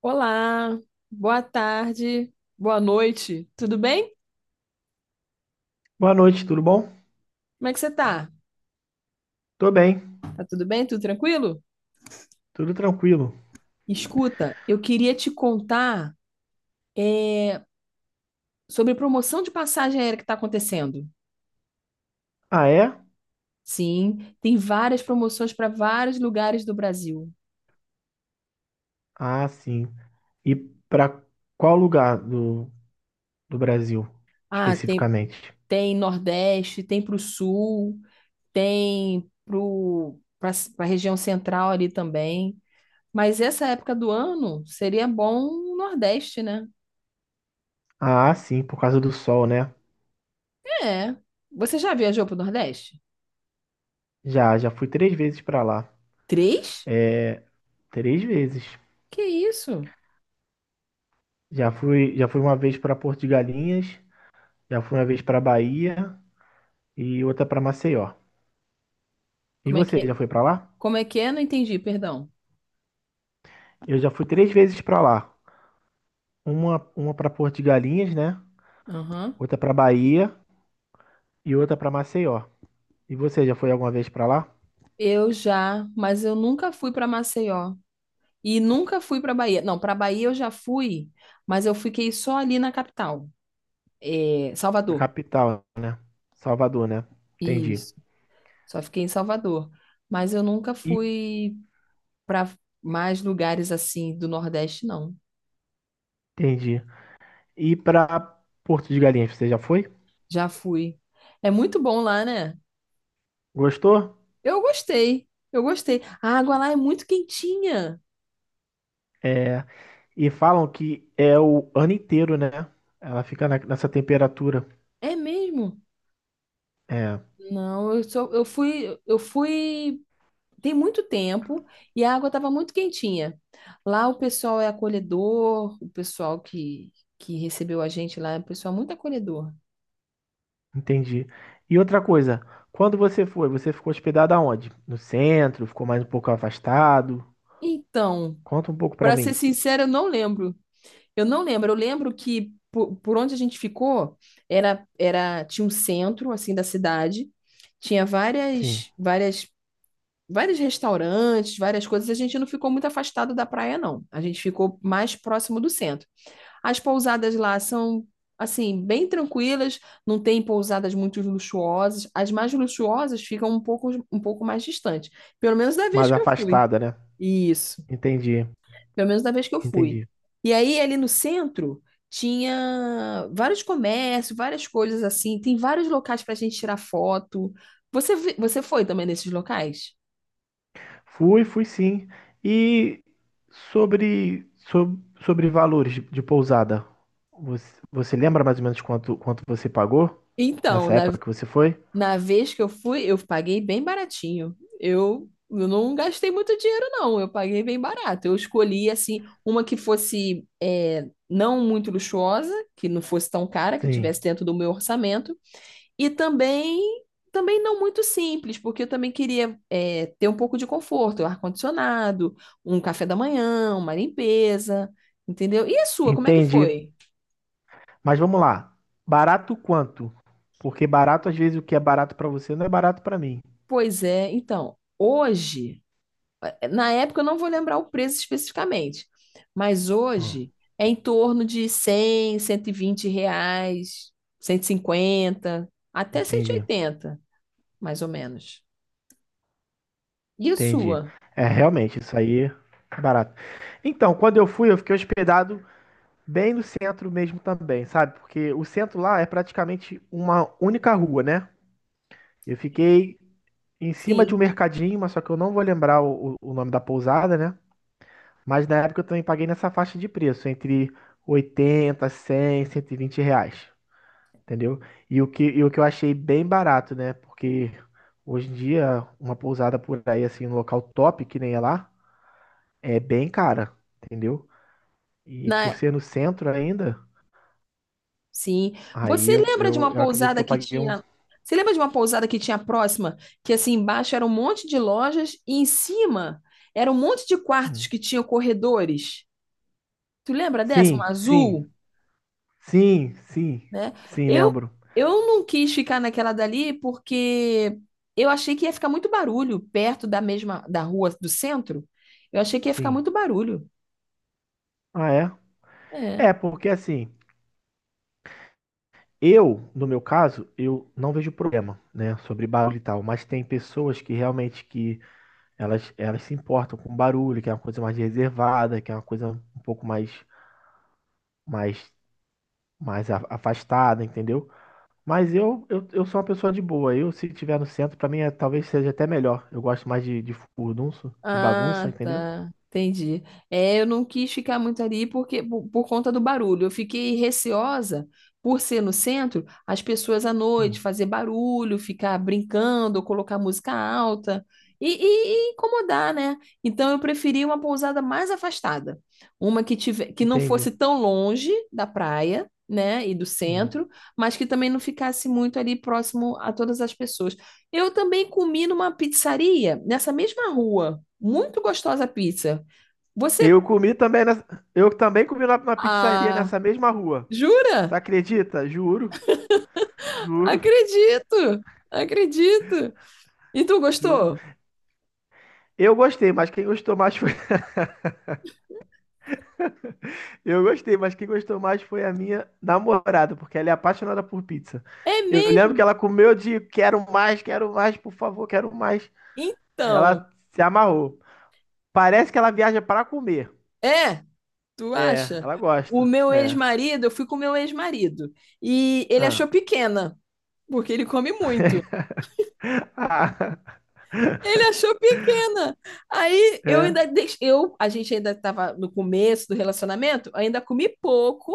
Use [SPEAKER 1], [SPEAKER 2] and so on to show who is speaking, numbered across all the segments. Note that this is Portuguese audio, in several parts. [SPEAKER 1] Olá, boa tarde, boa noite, tudo bem?
[SPEAKER 2] Boa noite, tudo bom?
[SPEAKER 1] Como é que você tá?
[SPEAKER 2] Tô bem,
[SPEAKER 1] Tá tudo bem? Tudo tranquilo?
[SPEAKER 2] tudo tranquilo.
[SPEAKER 1] Escuta, eu queria te contar é, sobre promoção de passagem aérea que está acontecendo.
[SPEAKER 2] Ah, é?
[SPEAKER 1] Sim, tem várias promoções para vários lugares do Brasil.
[SPEAKER 2] Ah, sim. E pra qual lugar do Brasil,
[SPEAKER 1] Ah, tem,
[SPEAKER 2] especificamente?
[SPEAKER 1] tem Nordeste, tem para o Sul, tem para a região central ali também. Mas essa época do ano seria bom o Nordeste, né?
[SPEAKER 2] Ah, sim, por causa do sol, né?
[SPEAKER 1] É. Você já viajou pro Nordeste?
[SPEAKER 2] Já fui três vezes pra lá.
[SPEAKER 1] Três?
[SPEAKER 2] Três vezes.
[SPEAKER 1] Que isso?
[SPEAKER 2] Já fui uma vez pra Porto de Galinhas, já fui uma vez pra Bahia e outra pra Maceió. E
[SPEAKER 1] Como é que é?
[SPEAKER 2] você, já foi pra lá?
[SPEAKER 1] Como é que é? Não entendi, perdão.
[SPEAKER 2] Eu já fui três vezes pra lá. Uma para Porto de Galinhas, né?
[SPEAKER 1] Aham.
[SPEAKER 2] Outra pra Bahia e outra pra Maceió. E você já foi alguma vez pra lá?
[SPEAKER 1] Eu já, mas eu nunca fui para Maceió e nunca fui para Bahia. Não, para Bahia eu já fui, mas eu fiquei só ali na capital,
[SPEAKER 2] Na
[SPEAKER 1] Salvador.
[SPEAKER 2] capital, Salvador, né? Entendi.
[SPEAKER 1] Isso. Só fiquei em Salvador, mas eu nunca
[SPEAKER 2] E,
[SPEAKER 1] fui para mais lugares assim do Nordeste, não.
[SPEAKER 2] entendi. E pra Porto de Galinhas, você já foi?
[SPEAKER 1] Já fui. É muito bom lá, né?
[SPEAKER 2] Gostou?
[SPEAKER 1] Eu gostei, eu gostei. A água lá é muito quentinha.
[SPEAKER 2] É, e falam que é o ano inteiro, né? Ela fica nessa temperatura.
[SPEAKER 1] É mesmo?
[SPEAKER 2] É,
[SPEAKER 1] Não, eu fui tem muito tempo e a água estava muito quentinha. Lá o pessoal é acolhedor, o pessoal que recebeu a gente lá é um pessoal muito acolhedor.
[SPEAKER 2] entendi. E outra coisa, quando você foi, você ficou hospedado aonde? No centro? Ficou mais um pouco afastado?
[SPEAKER 1] Então,
[SPEAKER 2] Conta um pouco pra
[SPEAKER 1] para ser
[SPEAKER 2] mim.
[SPEAKER 1] sincera, eu não lembro. Eu não lembro. Eu lembro que por onde a gente ficou era tinha um centro assim da cidade, tinha
[SPEAKER 2] Sim,
[SPEAKER 1] várias várias vários restaurantes, várias coisas. A gente não ficou muito afastado da praia, não. A gente ficou mais próximo do centro. As pousadas lá são, assim, bem tranquilas, não tem pousadas muito luxuosas. As mais luxuosas ficam um pouco mais distantes, pelo menos da vez
[SPEAKER 2] mais
[SPEAKER 1] que eu fui.
[SPEAKER 2] afastada, né?
[SPEAKER 1] Isso,
[SPEAKER 2] Entendi,
[SPEAKER 1] pelo menos da vez que eu fui.
[SPEAKER 2] entendi.
[SPEAKER 1] E aí, ali no centro. Tinha vários comércios, várias coisas assim. Tem vários locais para a gente tirar foto. Você foi também nesses locais?
[SPEAKER 2] Fui, fui sim. E sobre, valores de pousada, você lembra mais ou menos quanto você pagou
[SPEAKER 1] Então,
[SPEAKER 2] nessa
[SPEAKER 1] na
[SPEAKER 2] época que você foi?
[SPEAKER 1] Na vez que eu fui, eu paguei bem baratinho. Eu não gastei muito dinheiro, não. Eu paguei bem barato. Eu escolhi, assim, uma que fosse não muito luxuosa, que não fosse tão cara, que
[SPEAKER 2] Sim,
[SPEAKER 1] tivesse dentro do meu orçamento. E também não muito simples, porque eu também queria ter um pouco de conforto, um ar-condicionado, um café da manhã, uma limpeza, entendeu? E a sua, como é que
[SPEAKER 2] entendi.
[SPEAKER 1] foi?
[SPEAKER 2] Mas vamos lá. Barato quanto? Porque barato, às vezes, o que é barato pra você não é barato pra mim.
[SPEAKER 1] Pois é, então, hoje. Na época eu não vou lembrar o preço especificamente, mas
[SPEAKER 2] Hum,
[SPEAKER 1] hoje é em torno de 100, 120 reais, 150, até cento e
[SPEAKER 2] entendi,
[SPEAKER 1] oitenta, mais ou menos. E a
[SPEAKER 2] entendi.
[SPEAKER 1] sua?
[SPEAKER 2] É, realmente, isso aí é barato. Então, quando eu fui, eu fiquei hospedado. Bem no centro mesmo também, sabe? Porque o centro lá é praticamente uma única rua, né? Eu fiquei em cima de um
[SPEAKER 1] Sim.
[SPEAKER 2] mercadinho, mas só que eu não vou lembrar o nome da pousada, né? Mas na época eu também paguei nessa faixa de preço, entre 80, 100, 120 reais, entendeu? E o que eu achei bem barato, né? Porque hoje em dia, uma pousada por aí, assim, um local top, que nem é lá, é bem cara, entendeu? E por
[SPEAKER 1] Na...
[SPEAKER 2] ser no centro ainda,
[SPEAKER 1] Sim.
[SPEAKER 2] aí
[SPEAKER 1] Você
[SPEAKER 2] eu,
[SPEAKER 1] lembra de
[SPEAKER 2] eu,
[SPEAKER 1] uma
[SPEAKER 2] eu acredito que
[SPEAKER 1] pousada
[SPEAKER 2] eu
[SPEAKER 1] que
[SPEAKER 2] paguei um.
[SPEAKER 1] tinha. Você lembra de uma pousada que tinha próxima, que assim embaixo era um monte de lojas e em cima era um monte de quartos
[SPEAKER 2] Hum.
[SPEAKER 1] que tinham corredores? Tu lembra dessa? Um
[SPEAKER 2] Sim, sim,
[SPEAKER 1] azul,
[SPEAKER 2] sim, sim,
[SPEAKER 1] né?
[SPEAKER 2] sim,
[SPEAKER 1] Eu,
[SPEAKER 2] lembro.
[SPEAKER 1] eu não quis ficar naquela dali porque eu achei que ia ficar muito barulho perto da mesma da rua do centro. Eu achei que ia ficar
[SPEAKER 2] Sim.
[SPEAKER 1] muito barulho.
[SPEAKER 2] Ah, é? É, porque assim, eu, no meu caso, eu não vejo problema, né, sobre barulho e tal, mas tem pessoas que realmente que elas se importam com barulho, que é uma coisa mais reservada, que é uma coisa um pouco mais, mais afastada, entendeu? Mas eu sou uma pessoa de boa. Eu, se tiver no centro, pra mim é, talvez seja até melhor. Eu gosto mais de furdunço, de bagunça,
[SPEAKER 1] Ah,
[SPEAKER 2] entendeu?
[SPEAKER 1] tá. Entendi. É, eu não quis ficar muito ali porque por conta do barulho. Eu fiquei receosa por ser no centro, as pessoas à noite
[SPEAKER 2] Hum.
[SPEAKER 1] fazer barulho, ficar brincando, colocar música alta e incomodar, né? Então eu preferi uma pousada mais afastada, que não
[SPEAKER 2] Entendi.
[SPEAKER 1] fosse tão longe da praia. Né, e do
[SPEAKER 2] Hum.
[SPEAKER 1] centro, mas que também não ficasse muito ali próximo a todas as pessoas. Eu também comi numa pizzaria nessa mesma rua muito gostosa a pizza. Você.
[SPEAKER 2] Eu comi também nessa... Eu também comi na, na pizzaria
[SPEAKER 1] Ah,
[SPEAKER 2] nessa mesma rua. Tu
[SPEAKER 1] jura?
[SPEAKER 2] acredita? Juro, juro,
[SPEAKER 1] Acredito! Acredito! E tu
[SPEAKER 2] juro.
[SPEAKER 1] gostou?
[SPEAKER 2] Eu gostei, mas quem gostou mais foi. Eu gostei, mas quem gostou mais foi a minha namorada, porque ela é apaixonada por pizza.
[SPEAKER 1] É
[SPEAKER 2] Eu lembro que
[SPEAKER 1] mesmo?
[SPEAKER 2] ela comeu de quero mais, por favor, quero mais.
[SPEAKER 1] Então,
[SPEAKER 2] Ela se amarrou. Parece que ela viaja para comer.
[SPEAKER 1] é? Tu
[SPEAKER 2] É,
[SPEAKER 1] acha?
[SPEAKER 2] ela
[SPEAKER 1] O
[SPEAKER 2] gosta.
[SPEAKER 1] meu
[SPEAKER 2] É.
[SPEAKER 1] ex-marido, eu fui com o meu ex-marido. E ele achou
[SPEAKER 2] Ah.
[SPEAKER 1] pequena, porque ele come muito.
[SPEAKER 2] Ah.
[SPEAKER 1] Ele achou pequena. Aí eu
[SPEAKER 2] É.
[SPEAKER 1] ainda deix... eu, a gente ainda estava no começo do relacionamento, ainda comi pouco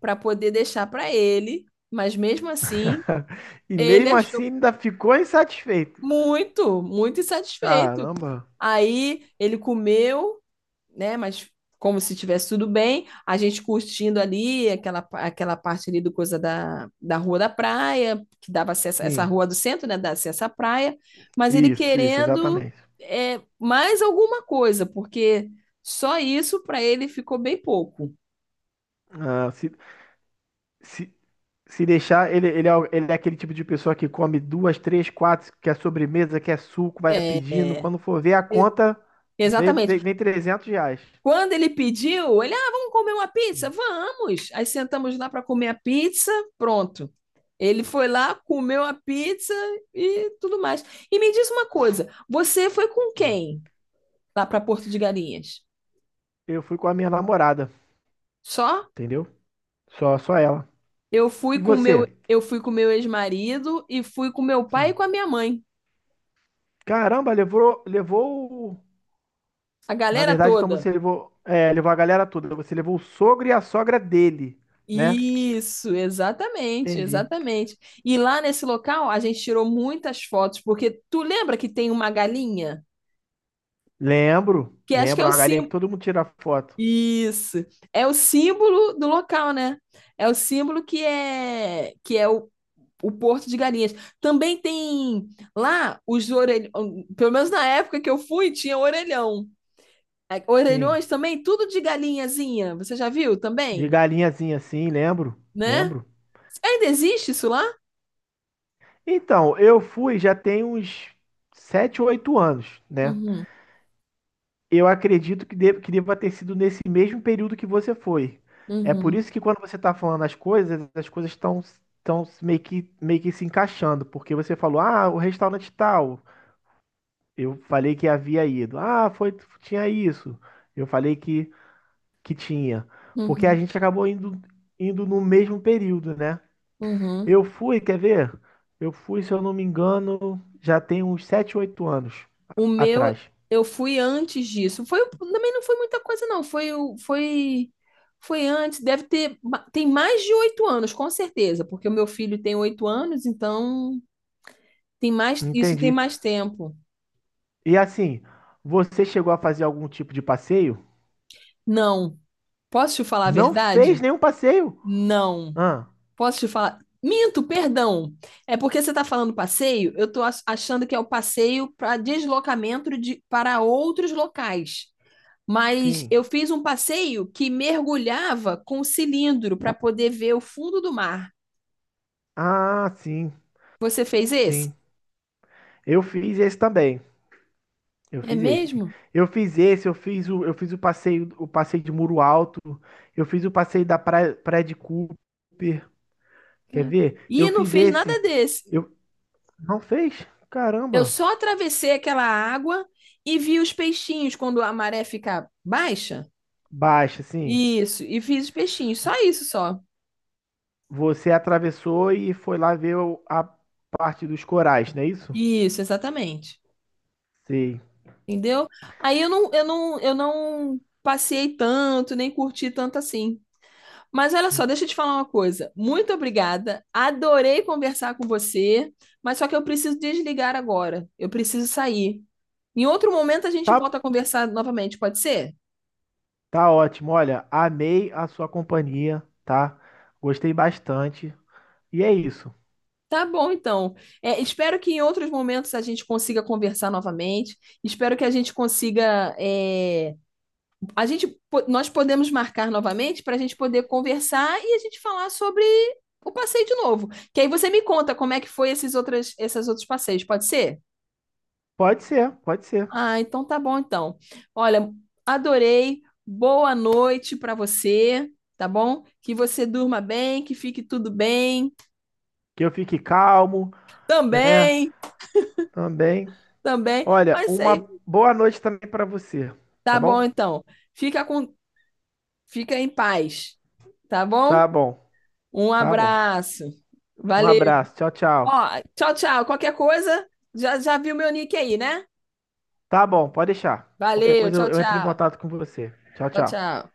[SPEAKER 1] para poder deixar para ele, mas mesmo assim,
[SPEAKER 2] E
[SPEAKER 1] ele
[SPEAKER 2] mesmo assim
[SPEAKER 1] achou
[SPEAKER 2] ainda ficou insatisfeito.
[SPEAKER 1] muito, muito insatisfeito.
[SPEAKER 2] Caramba.
[SPEAKER 1] Aí ele comeu, né? Mas como se tivesse tudo bem, a gente curtindo ali aquela parte ali do coisa da rua da praia, que dava acesso, essa
[SPEAKER 2] Sim.
[SPEAKER 1] rua do centro, né? Dava acesso à praia, mas ele
[SPEAKER 2] Isso,
[SPEAKER 1] querendo
[SPEAKER 2] exatamente.
[SPEAKER 1] mais alguma coisa, porque só isso para ele ficou bem pouco.
[SPEAKER 2] Ah, se, se deixar, ele é aquele tipo de pessoa que come duas, três, quatro, quer sobremesa, quer suco, vai pedindo.
[SPEAKER 1] É,
[SPEAKER 2] Quando for ver a
[SPEAKER 1] é,
[SPEAKER 2] conta, vem,
[SPEAKER 1] exatamente.
[SPEAKER 2] vem, vem R$ 300.
[SPEAKER 1] Quando ele pediu, ele, ah, vamos comer uma pizza?
[SPEAKER 2] Hum.
[SPEAKER 1] Vamos! Aí sentamos lá para comer a pizza, pronto. Ele foi lá, comeu a pizza e tudo mais. E me diz uma coisa, você foi com quem lá para Porto de Galinhas?
[SPEAKER 2] Eu fui com a minha namorada,
[SPEAKER 1] Só?
[SPEAKER 2] entendeu? Só, só ela.
[SPEAKER 1] Eu fui
[SPEAKER 2] E
[SPEAKER 1] com o meu,
[SPEAKER 2] você?
[SPEAKER 1] eu fui com o meu ex-marido e fui com meu pai e
[SPEAKER 2] Sim.
[SPEAKER 1] com a minha mãe.
[SPEAKER 2] Caramba, levou, levou.
[SPEAKER 1] A
[SPEAKER 2] Na
[SPEAKER 1] galera
[SPEAKER 2] verdade, então
[SPEAKER 1] toda.
[SPEAKER 2] você levou, é, levou a galera toda. Você levou o sogro e a sogra dele, né?
[SPEAKER 1] Isso, exatamente,
[SPEAKER 2] Entendi.
[SPEAKER 1] exatamente. E lá nesse local a gente tirou muitas fotos, porque tu lembra que tem uma galinha?
[SPEAKER 2] Lembro,
[SPEAKER 1] Que acho que é
[SPEAKER 2] lembro.
[SPEAKER 1] o
[SPEAKER 2] Uma galinha que
[SPEAKER 1] símbolo.
[SPEAKER 2] todo mundo tira foto.
[SPEAKER 1] Isso. É o símbolo do local, né? É o símbolo que é o Porto de Galinhas. Também tem lá os orelhões, pelo menos na época que eu fui, tinha orelhão. É,
[SPEAKER 2] Sim.
[SPEAKER 1] orelhões também, tudo de galinhazinha. Você já viu
[SPEAKER 2] De
[SPEAKER 1] também,
[SPEAKER 2] galinhazinha assim, lembro,
[SPEAKER 1] né?
[SPEAKER 2] lembro.
[SPEAKER 1] Ainda existe isso lá?
[SPEAKER 2] Então, eu fui já tem uns 7, 8 anos, né?
[SPEAKER 1] Uhum,
[SPEAKER 2] Eu acredito que, de, que deva ter sido nesse mesmo período que você foi. É por
[SPEAKER 1] uhum,
[SPEAKER 2] isso que quando você tá falando as coisas, estão meio que se encaixando, porque você falou, ah, o restaurante tal. Eu falei que havia ido. Ah, foi, tinha isso. Eu falei que tinha. Porque a
[SPEAKER 1] uhum,
[SPEAKER 2] gente acabou indo no mesmo período, né?
[SPEAKER 1] uhum.
[SPEAKER 2] Eu fui, quer ver? Eu fui, se eu não me engano, já tem uns 7, 8 anos a-
[SPEAKER 1] O meu,
[SPEAKER 2] atrás.
[SPEAKER 1] eu fui antes disso. Foi, também não foi muita coisa, não. Foi antes. Deve ter, tem mais de 8 anos, com certeza, porque o meu filho tem 8 anos, então tem mais, isso tem
[SPEAKER 2] Entendi.
[SPEAKER 1] mais tempo.
[SPEAKER 2] E assim, você chegou a fazer algum tipo de passeio?
[SPEAKER 1] Não. Posso te falar a
[SPEAKER 2] Não fez
[SPEAKER 1] verdade?
[SPEAKER 2] nenhum passeio?
[SPEAKER 1] Não.
[SPEAKER 2] Ah,
[SPEAKER 1] Posso te falar? Minto, perdão. É porque você está falando passeio, eu estou achando que é o passeio para deslocamento para outros locais. Mas
[SPEAKER 2] sim.
[SPEAKER 1] eu fiz um passeio que mergulhava com um cilindro para poder ver o fundo do mar.
[SPEAKER 2] Ah, sim,
[SPEAKER 1] Você fez esse?
[SPEAKER 2] sim. Eu fiz esse também. Eu
[SPEAKER 1] É
[SPEAKER 2] fiz esse.
[SPEAKER 1] mesmo?
[SPEAKER 2] Eu fiz esse, eu fiz o passeio o passeio de Muro Alto, eu fiz o passeio da Praia de Cooper. Quer
[SPEAKER 1] É.
[SPEAKER 2] ver? Eu
[SPEAKER 1] E não
[SPEAKER 2] fiz
[SPEAKER 1] fiz nada
[SPEAKER 2] esse.
[SPEAKER 1] desse.
[SPEAKER 2] Eu não fez?
[SPEAKER 1] Eu
[SPEAKER 2] Caramba.
[SPEAKER 1] só atravessei aquela água e vi os peixinhos quando a maré fica baixa.
[SPEAKER 2] Baixa, assim.
[SPEAKER 1] Isso, e fiz os peixinhos, só.
[SPEAKER 2] Você atravessou e foi lá ver a parte dos corais, não é isso?
[SPEAKER 1] Isso, exatamente.
[SPEAKER 2] Sim.
[SPEAKER 1] Entendeu? Aí eu não passei tanto, nem curti tanto assim. Mas olha só, deixa eu te falar uma coisa. Muito obrigada. Adorei conversar com você, mas só que eu preciso desligar agora. Eu preciso sair. Em outro momento a gente
[SPEAKER 2] Tá,
[SPEAKER 1] volta a conversar novamente, pode ser?
[SPEAKER 2] tá ótimo. Olha, amei a sua companhia, tá? Gostei bastante. E é isso.
[SPEAKER 1] Tá bom, então. É, espero que em outros momentos a gente consiga conversar novamente. Espero que a gente consiga. Nós podemos marcar novamente para a gente poder conversar e a gente falar sobre o passeio de novo. Que aí você me conta como é que foi esses outros passeios, pode ser?
[SPEAKER 2] Pode ser, pode ser.
[SPEAKER 1] Ah, então tá bom então. Olha, adorei. Boa noite para você, tá bom? Que você durma bem, que fique tudo bem.
[SPEAKER 2] Que eu fique calmo, né?
[SPEAKER 1] Também,
[SPEAKER 2] Também.
[SPEAKER 1] também.
[SPEAKER 2] Olha,
[SPEAKER 1] Mas
[SPEAKER 2] uma
[SPEAKER 1] aí,
[SPEAKER 2] boa noite também pra você, tá
[SPEAKER 1] tá bom
[SPEAKER 2] bom?
[SPEAKER 1] então. Fica com, fica em paz, tá bom?
[SPEAKER 2] Tá bom,
[SPEAKER 1] Um
[SPEAKER 2] tá bom.
[SPEAKER 1] abraço.
[SPEAKER 2] Um
[SPEAKER 1] Valeu.
[SPEAKER 2] abraço. Tchau, tchau.
[SPEAKER 1] Ó, tchau, tchau. Qualquer coisa, já já viu meu nick aí, né?
[SPEAKER 2] Tá bom, pode deixar. Qualquer
[SPEAKER 1] Valeu,
[SPEAKER 2] coisa
[SPEAKER 1] tchau,
[SPEAKER 2] eu entro em
[SPEAKER 1] tchau.
[SPEAKER 2] contato com você. Tchau,
[SPEAKER 1] Tchau,
[SPEAKER 2] tchau.
[SPEAKER 1] tchau.